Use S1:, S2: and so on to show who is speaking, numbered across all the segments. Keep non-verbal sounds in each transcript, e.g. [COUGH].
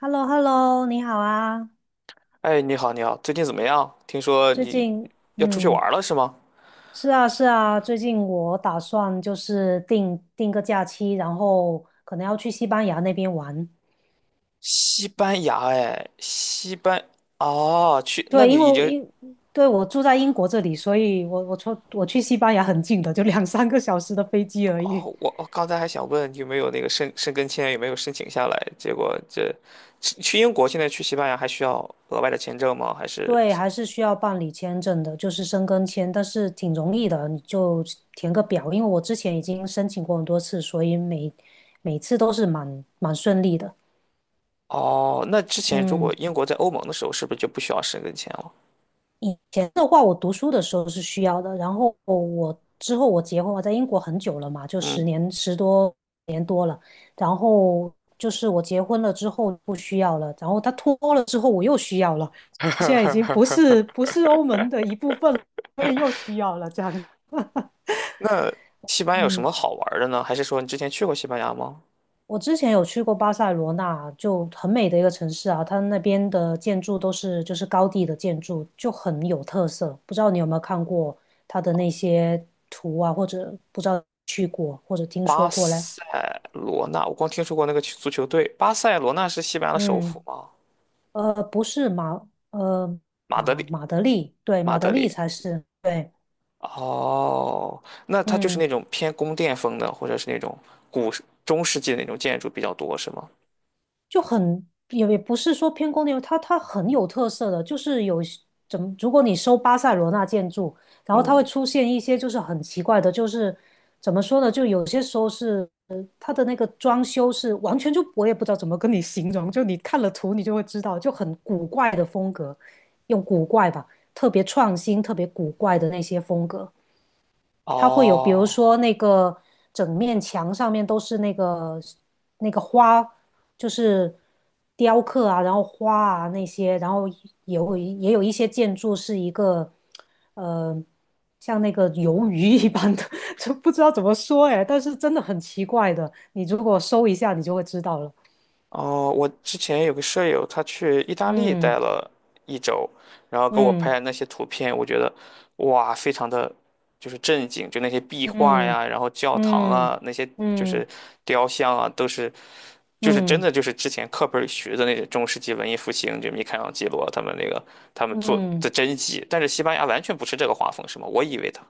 S1: h e l l o h e l l o 你好啊。
S2: 哎，你好，你好，最近怎么样？听说
S1: 最
S2: 你
S1: 近，
S2: 要出去玩
S1: 嗯，
S2: 儿了是吗？
S1: 是啊，是啊，最近我打算就是定个假期，然后可能要去西班牙那边玩。
S2: 西班牙，哎，哦，去，那
S1: 对，
S2: 你
S1: 因为
S2: 已
S1: 我
S2: 经，
S1: 英，对，我住在英国这里，所以我去西班牙很近的，就两三个小时的飞机而已。
S2: 哦，我刚才还想问有没有那个申根签，有没有申请下来？结果去英国，现在去西班牙还需要额外的签证吗？还是，
S1: 对，还是需要办理签证的，就是申根签，但是挺容易的，你就填个表。因为我之前已经申请过很多次，所以每次都是蛮顺利的。
S2: 哦，那之前如果
S1: 嗯。
S2: 英国在欧盟的时候，是不是就不需要申根签了？
S1: 以前的话，我读书的时候是需要的，然后之后我结婚，我在英国很久了嘛，就十
S2: 嗯，
S1: 年十多年多了，然后就是我结婚了之后不需要了，然后他脱欧了之后我又需要了，现在已经不是欧盟的一部分了。[LAUGHS]
S2: 那西班牙有什
S1: 嗯。
S2: 么好玩儿的呢？还是说你之前去过西班牙吗？
S1: 我之前有去过巴塞罗那，就很美的一个城市啊，它那边的建筑都是就是高地的建筑，就很有特色。不知道你有没有看过它的那些图啊，或者不知道去过或者听
S2: 巴
S1: 说过嘞？
S2: 塞罗那，我光听说过那个足球队。巴塞罗那是西班牙的首府
S1: 嗯，
S2: 吗？
S1: 不是马，呃，
S2: 马德
S1: 马
S2: 里，
S1: 马德里，对，
S2: 马
S1: 马德
S2: 德
S1: 里
S2: 里。
S1: 才是，对，
S2: 哦，那它就是
S1: 嗯。
S2: 那种偏宫殿风的，或者是那种古时中世纪的那种建筑比较多，是吗？
S1: 就很也不是说偏宫殿，它很有特色的，就是有怎么，如果你搜巴塞罗那建筑，然后它会
S2: 嗯，
S1: 出现一些就是很奇怪的，就是怎么说呢，就有些时候是它的那个装修是完全就我也不知道怎么跟你形容，就你看了图你就会知道，就很古怪的风格，用古怪吧，特别创新、特别古怪的那些风格。它会有，比如
S2: 哦，
S1: 说那个整面墙上面都是那个花，就是雕刻啊，然后花啊那些，然后也有一些建筑是一个呃像那个鱿鱼一般的，[LAUGHS] 就不知道怎么说哎，但是真的很奇怪的，你如果搜一下，你就会知道了。
S2: 哦，我之前有个舍友，他去意大利待
S1: 嗯
S2: 了一周，然后给我
S1: 嗯
S2: 拍那些图片，我觉得哇，非常的就是震惊，就那些壁画
S1: 嗯
S2: 呀，然后教堂啊，
S1: 嗯
S2: 那些就
S1: 嗯
S2: 是雕像啊，都是就是真
S1: 嗯
S2: 的就是之前课本里学的那些中世纪文艺复兴，就米开朗基罗他们
S1: 嗯
S2: 做的
S1: 嗯。
S2: 真迹，但是西班牙完全不是这个画风，是吗？我以为他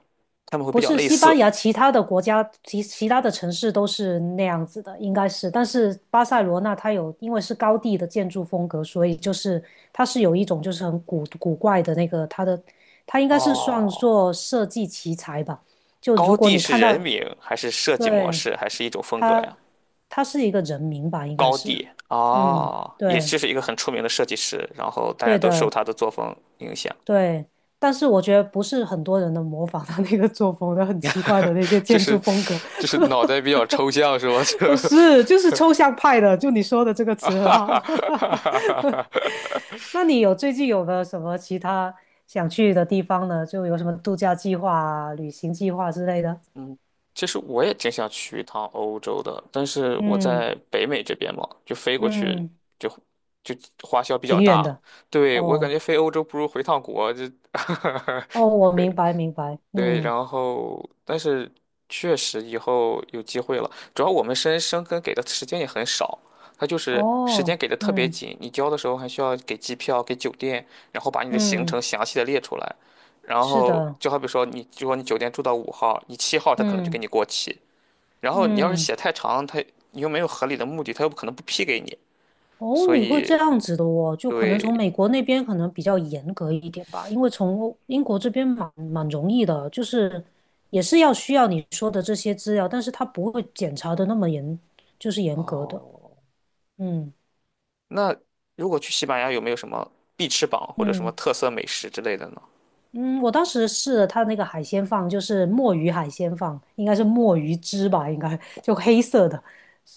S2: 他们会
S1: 不
S2: 比较
S1: 是
S2: 类
S1: 西班
S2: 似。
S1: 牙，其他的国家其他的城市都是那样子的，应该是。但是巴塞罗那它有，因为是高地的建筑风格，所以就是它是有一种就是很古怪的那个它的，它应该是算
S2: 哦，
S1: 作设计奇才吧。就
S2: 高
S1: 如果
S2: 地
S1: 你
S2: 是
S1: 看
S2: 人
S1: 到，
S2: 名还是设计模
S1: 对，
S2: 式，还是一种风格呀？
S1: 他他是一个人名吧，应该
S2: 高
S1: 是。
S2: 地
S1: 嗯，
S2: 哦，也
S1: 对，
S2: 就是一个很出名的设计师，然后大家
S1: 对
S2: 都受
S1: 的，
S2: 他的作风影响。
S1: 对。但是我觉得不是很多人能模仿他那个作风的，很奇怪的那些
S2: [LAUGHS] 就
S1: 建筑
S2: 是
S1: 风格。
S2: 就是脑袋比较抽象是吗？[LAUGHS]
S1: [LAUGHS] 是，就是抽象派的，就你说的这个
S2: 啊
S1: 词很
S2: 哈
S1: 好。
S2: 哈哈哈哈哈！
S1: [LAUGHS] 那你最近有没有什么其他想去的地方呢？就有什么度假计划啊、旅行计划之类的？
S2: 嗯，其实我也挺想去一趟欧洲的，但是我
S1: 嗯
S2: 在北美这边嘛，就飞过去
S1: 嗯，
S2: 就就花销比较
S1: 挺远
S2: 大。
S1: 的。
S2: 对，我感
S1: 哦
S2: 觉飞欧洲不如回趟国，
S1: 哦，我
S2: [LAUGHS] 对
S1: 明白明白。
S2: 对，
S1: 嗯
S2: 然后但是确实以后有机会了，主要我们深根给的时间也很少，他就是时间
S1: 哦
S2: 给的特别
S1: 嗯
S2: 紧，你交的时候还需要给机票、给酒店，然后把你的行程
S1: 嗯，
S2: 详细的列出来，然
S1: 是
S2: 后
S1: 的。
S2: 就好比说你就说你酒店住到5号，你7号他可能就给
S1: 嗯
S2: 你过期，然后你要是
S1: 嗯。
S2: 写太长，你又没有合理的目的，他又不可能不批给你，
S1: 哦，
S2: 所
S1: 你会这
S2: 以
S1: 样子的哦，就可能从
S2: 对
S1: 美国那边可能比较严格一点吧，因为从英国这边蛮容易的，就是也是要需要你说的这些资料，但是他不会检查的那么严，就是严格的。
S2: 哦，
S1: 嗯
S2: 那如果去西班牙有没有什么必吃榜或者什么
S1: 嗯
S2: 特色美食之类的呢？
S1: 嗯，我当时试了他那个海鲜饭，就是墨鱼海鲜饭，应该是墨鱼汁吧，应该就黑色的，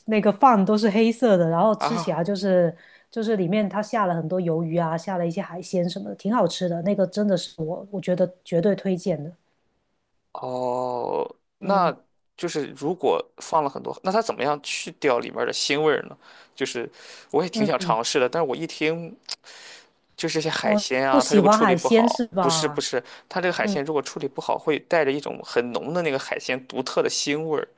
S1: 那个饭都是黑色的，然后吃起来
S2: 啊，
S1: 就是里面它下了很多鱿鱼啊，下了一些海鲜什么的，挺好吃的。那个真的是我觉得绝对推荐的。
S2: 哦，那
S1: 嗯
S2: 就是如果放了很多，那它怎么样去掉里面的腥味儿呢？就是我也挺
S1: 嗯
S2: 想
S1: 嗯，
S2: 尝试的，但是我一听就是这些海
S1: 哦，
S2: 鲜
S1: 不
S2: 啊，它如
S1: 喜
S2: 果
S1: 欢
S2: 处理
S1: 海
S2: 不
S1: 鲜
S2: 好，
S1: 是
S2: 不是不
S1: 吧？
S2: 是，它这个海
S1: 嗯。
S2: 鲜如果处理不好，会带着一种很浓的那个海鲜独特的腥味儿。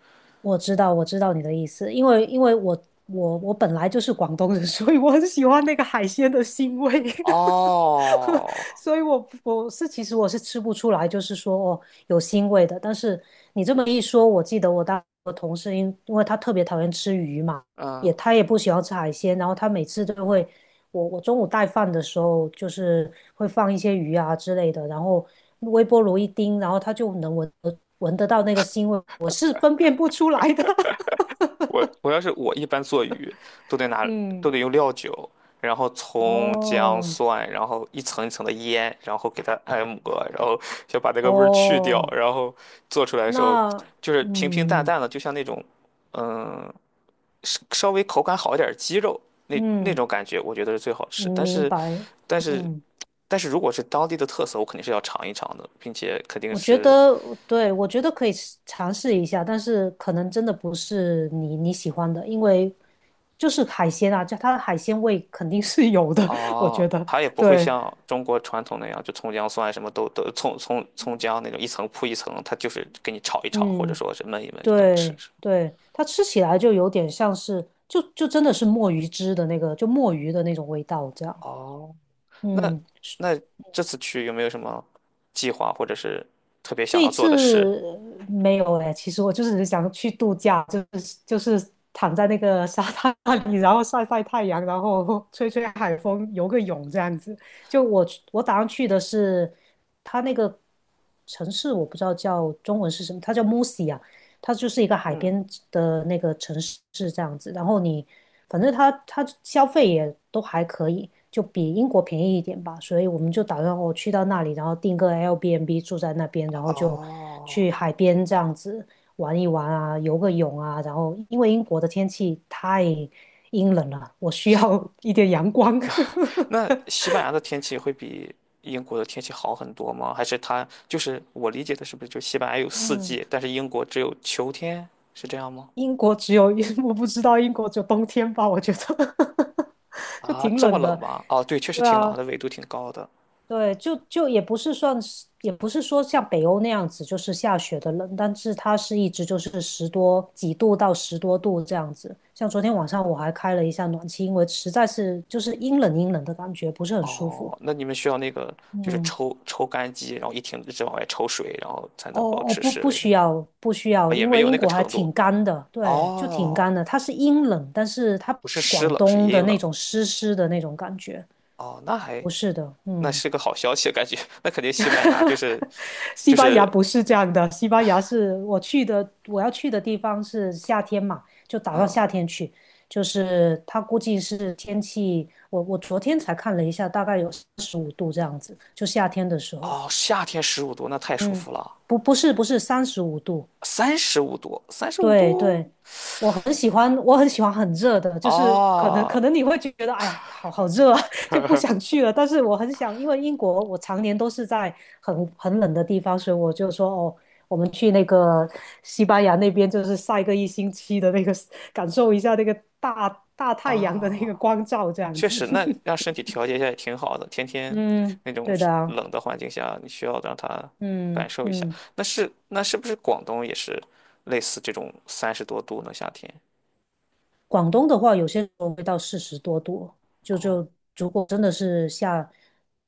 S1: 我知道，我知道你的意思，因为我本来就是广东人，[LAUGHS] 所以我很喜欢那个海鲜的腥味，
S2: 哦，
S1: [LAUGHS] 所以我是其实我是吃不出来，就是说哦有腥味的。但是你这么一说，我记得我同事因为他特别讨厌吃鱼嘛，也
S2: 嗯，
S1: 他也不喜欢吃海鲜，然后他每次都会。我中午带饭的时候，就是会放一些鱼啊之类的，然后微波炉一叮，然后它就能闻得到那个腥味，我是分辨不出来的。[LAUGHS]
S2: 我要是我一般做鱼，都得拿都
S1: 嗯，
S2: 得用料酒，然后葱姜
S1: 哦
S2: 蒜，然后一层一层的腌，然后给它按摩，然后 [LAUGHS] 想把那个味儿去掉，
S1: 哦，
S2: 然后做出来的时候
S1: 那
S2: 就是平平淡
S1: 嗯
S2: 淡的，就像那种嗯稍微口感好一点儿的鸡肉那那
S1: 嗯，
S2: 种感觉，我觉得是最好吃。
S1: 明白。
S2: 但是
S1: 嗯，
S2: 但是如果是当地的特色，我肯定是要尝一尝的，并且肯定
S1: 我觉
S2: 是。
S1: 得对，我觉得可以尝试一下，但是可能真的不是你喜欢的，因为就是海鲜啊，就它的海鲜味肯定是有的，[LAUGHS] 我觉
S2: 哦，
S1: 得
S2: 它也不会
S1: 对。
S2: 像中国传统那样，就葱姜蒜什么都葱姜那种一层铺一层，它就是给你炒一炒，或者
S1: 嗯。
S2: 说是焖一焖就能吃。
S1: 对
S2: 是吗？
S1: 对，它吃起来就有点像是，就真的是墨鱼汁的那个，就墨鱼的那种味道这样。
S2: 哦，那
S1: 嗯，
S2: 那这次去有没有什么计划，或者是特别想
S1: 这
S2: 要
S1: 一
S2: 做的事？
S1: 次没有哎，其实我就是想去度假，就是躺在那个沙滩里，然后晒晒太阳，然后吹吹海风，游个泳这样子。就我打算去的是它那个城市，我不知道叫中文是什么，它叫 Musi 它就是一个海
S2: 嗯，
S1: 边的那个城市这样子。然后你反正它消费也都还可以，就比英国便宜一点吧。所以我们就打算我去到那里，然后订个 Airbnb 住在那边，然后就
S2: 哦，
S1: 去海边这样子玩一玩啊，游个泳啊。然后因为英国的天气太阴冷了，我需要 [LAUGHS] 一点阳光。[LAUGHS]
S2: 那西班牙的天气会比英国的天气好很多吗？还是它就是我理解的，是不是就西班牙有四
S1: 嗯，
S2: 季，但是英国只有秋天，是这样吗？
S1: 英国只有 [LAUGHS]，我不知道英国只有冬天吧，我觉得 [LAUGHS] 就
S2: 啊，
S1: 挺
S2: 这么
S1: 冷
S2: 冷
S1: 的。
S2: 吗？哦，对，确实
S1: 对
S2: 挺冷
S1: 啊，
S2: 的，纬度挺高的。
S1: 对，就也不是算是，也不是说像北欧那样子，就是下雪的冷，但是它是一直就是十多几度到十多度这样子。像昨天晚上我还开了一下暖气，因为实在是就是阴冷阴冷的感觉，不是很舒服。
S2: 哦，那你们需要那个就是
S1: 嗯，
S2: 抽干机，然后一停一直往外抽水，然后才能保
S1: 哦哦，
S2: 持
S1: 不
S2: 室
S1: 不
S2: 温的
S1: 需要不需要，
S2: 啊，也
S1: 因
S2: 没
S1: 为
S2: 有
S1: 英
S2: 那个
S1: 国还
S2: 程度。
S1: 挺干的，对，就挺
S2: 哦，
S1: 干的。它是阴冷，但是它
S2: 不是湿
S1: 广
S2: 冷，是
S1: 东的
S2: 阴
S1: 那
S2: 冷。
S1: 种湿湿的那种感觉，
S2: 哦，
S1: 不是的，
S2: 那
S1: 嗯。
S2: 是个好消息，感觉 [LAUGHS] 那肯定西班牙就是
S1: [LAUGHS] 西
S2: 就
S1: 班牙
S2: 是
S1: 不是这样的，西班牙是我去的，我要去的地方是夏天嘛，就打到
S2: 嗯
S1: 夏天去。就是他估计是天气，我昨天才看了一下，大概有十五度这样子，就夏天的时候。
S2: 哦，夏天十五度，那太舒
S1: 嗯，
S2: 服了。
S1: 不是35度，
S2: 三十五度，三十五
S1: 对
S2: 度
S1: 对，我很喜欢，我很喜欢很热的，就是可能
S2: 啊
S1: 可能你会觉得，哎呀，好好热啊，[LAUGHS] 就不想去了。但是我很想，因为英国我常年都是在很冷的地方，所以我就说，哦，我们去那个西班牙那边，就是晒个一星期的那个，[LAUGHS] 感受一下那个大大太阳的那
S2: 啊！
S1: 个光照，这样
S2: 确
S1: 子。
S2: 实，那让
S1: [LAUGHS]
S2: 身体调节一下也挺好的。天天
S1: 嗯，
S2: 那种
S1: 对
S2: 是
S1: 的啊，
S2: 冷的环境下，你需要让他感
S1: 嗯
S2: 受一下。
S1: 嗯。
S2: 那是不是广东也是类似这种30多度呢？夏天？
S1: 广东的话，有些时候会到40多度，就
S2: 哦
S1: 就如果真的是下，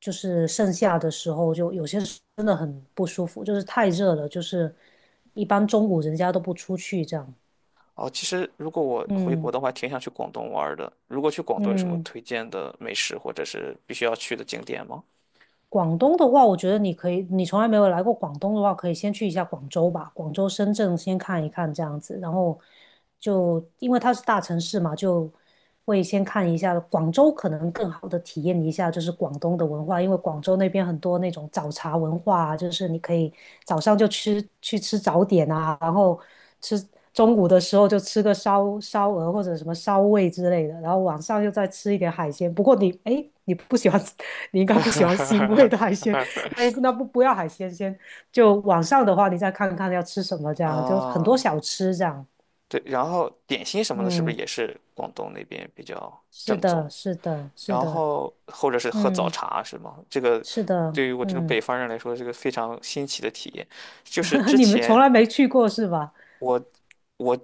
S1: 就是盛夏的时候，就有些时候真的很不舒服，就是太热了，就是一般中午人家都不出去这样。
S2: 哦，其实如果我回国
S1: 嗯
S2: 的话，挺想去广东玩儿的。如果去广东有什么
S1: 嗯。
S2: 推荐的美食或者是必须要去的景点吗？
S1: 广东的话，我觉得你可以，你从来没有来过广东的话，可以先去一下广州吧，广州、深圳先看一看这样子，然后就因为它是大城市嘛，就会先看一下广州，可能更好的体验一下就是广东的文化，因为广州那边很多那种早茶文化啊，就是你可以早上就去吃早点啊，然后吃。中午的时候就吃个烧鹅或者什么烧味之类的，然后晚上又再吃一点海鲜。不过你，哎，你不喜欢，[LAUGHS] 你应该不喜欢腥味的海鲜，
S2: [LAUGHS]
S1: 那不要海鲜先。就晚上的话，你再看看要吃什么，这样就很多
S2: 啊，
S1: 小吃这样。
S2: 对，然后点心什么的，是不是
S1: 嗯，
S2: 也是广东那边比较
S1: 是
S2: 正
S1: 的，
S2: 宗？
S1: 是的，是
S2: 然
S1: 的，
S2: 后或者是喝早
S1: 嗯，
S2: 茶是吗？这个
S1: 是的，
S2: 对于我这种
S1: 嗯，
S2: 北方人来说是个非常新奇的体验。就是
S1: [LAUGHS]
S2: 之
S1: 你们从
S2: 前
S1: 来没去过是吧？
S2: 我我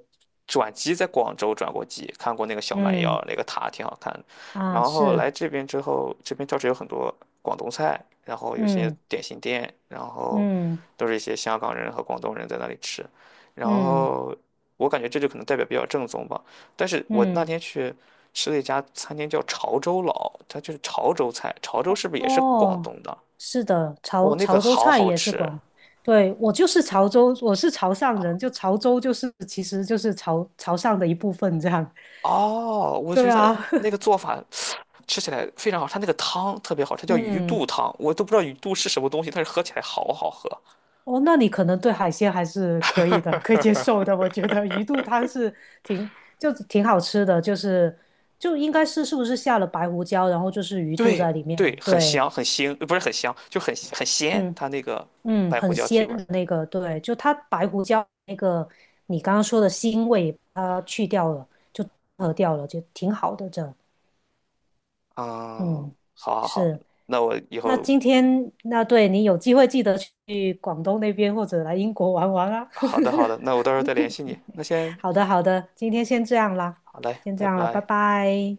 S2: 转机在广州转过机，看过那个小蛮
S1: 嗯，
S2: 腰，那个塔挺好看的。
S1: 啊，
S2: 然后
S1: 是，
S2: 来这边之后，这边倒是有很多广东菜，然后有些
S1: 嗯
S2: 点心店，然后
S1: 嗯
S2: 都是一些香港人和广东人在那里吃。然
S1: 嗯
S2: 后我感觉这就可能代表比较正宗吧。但是我
S1: 嗯。
S2: 那
S1: 嗯
S2: 天去吃了一家餐厅叫潮州佬，它就是潮州菜，潮州是不是也是广
S1: 哦，
S2: 东的？
S1: 是的，
S2: 哦，
S1: 潮
S2: 那个
S1: 潮州
S2: 好
S1: 菜
S2: 好
S1: 也是
S2: 吃。
S1: 广，对，我就是潮州，我是潮汕人，就潮州就是其实就是潮汕的一部分这样。
S2: 哦，我觉
S1: 对
S2: 得
S1: 啊，
S2: 那个
S1: [LAUGHS]
S2: 做法吃起来非常好，它那个汤特别好，它叫鱼肚
S1: 嗯，
S2: 汤，我都不知道鱼肚是什么东西，但是喝起来好好喝。
S1: 哦，那你可能对海鲜还是可以的，可以接受的。我觉得鱼肚汤挺挺好吃的，就是就应该是是不是下了白胡椒，然后就是鱼肚
S2: 对
S1: 在里
S2: 对，
S1: 面。
S2: 很
S1: 对，
S2: 香，很腥，不是很香，就很鲜，
S1: 嗯。
S2: 它那个
S1: 嗯，
S2: 白胡
S1: 很
S2: 椒提
S1: 鲜
S2: 味儿。
S1: 的那个，对，就它白胡椒那个你刚刚说的腥味它去掉了，就合掉了，就挺好的这，嗯，
S2: 嗯，好好好，
S1: 是。
S2: 那我以
S1: 那
S2: 后
S1: 今天那对你有机会记得去广东那边或者来英国玩玩啊。
S2: 好的好的，那我
S1: [LAUGHS]
S2: 到时候再联系你。那先
S1: 好的，好的，今天先这样啦，
S2: 好嘞，
S1: 先这
S2: 拜
S1: 样了，拜
S2: 拜。
S1: 拜。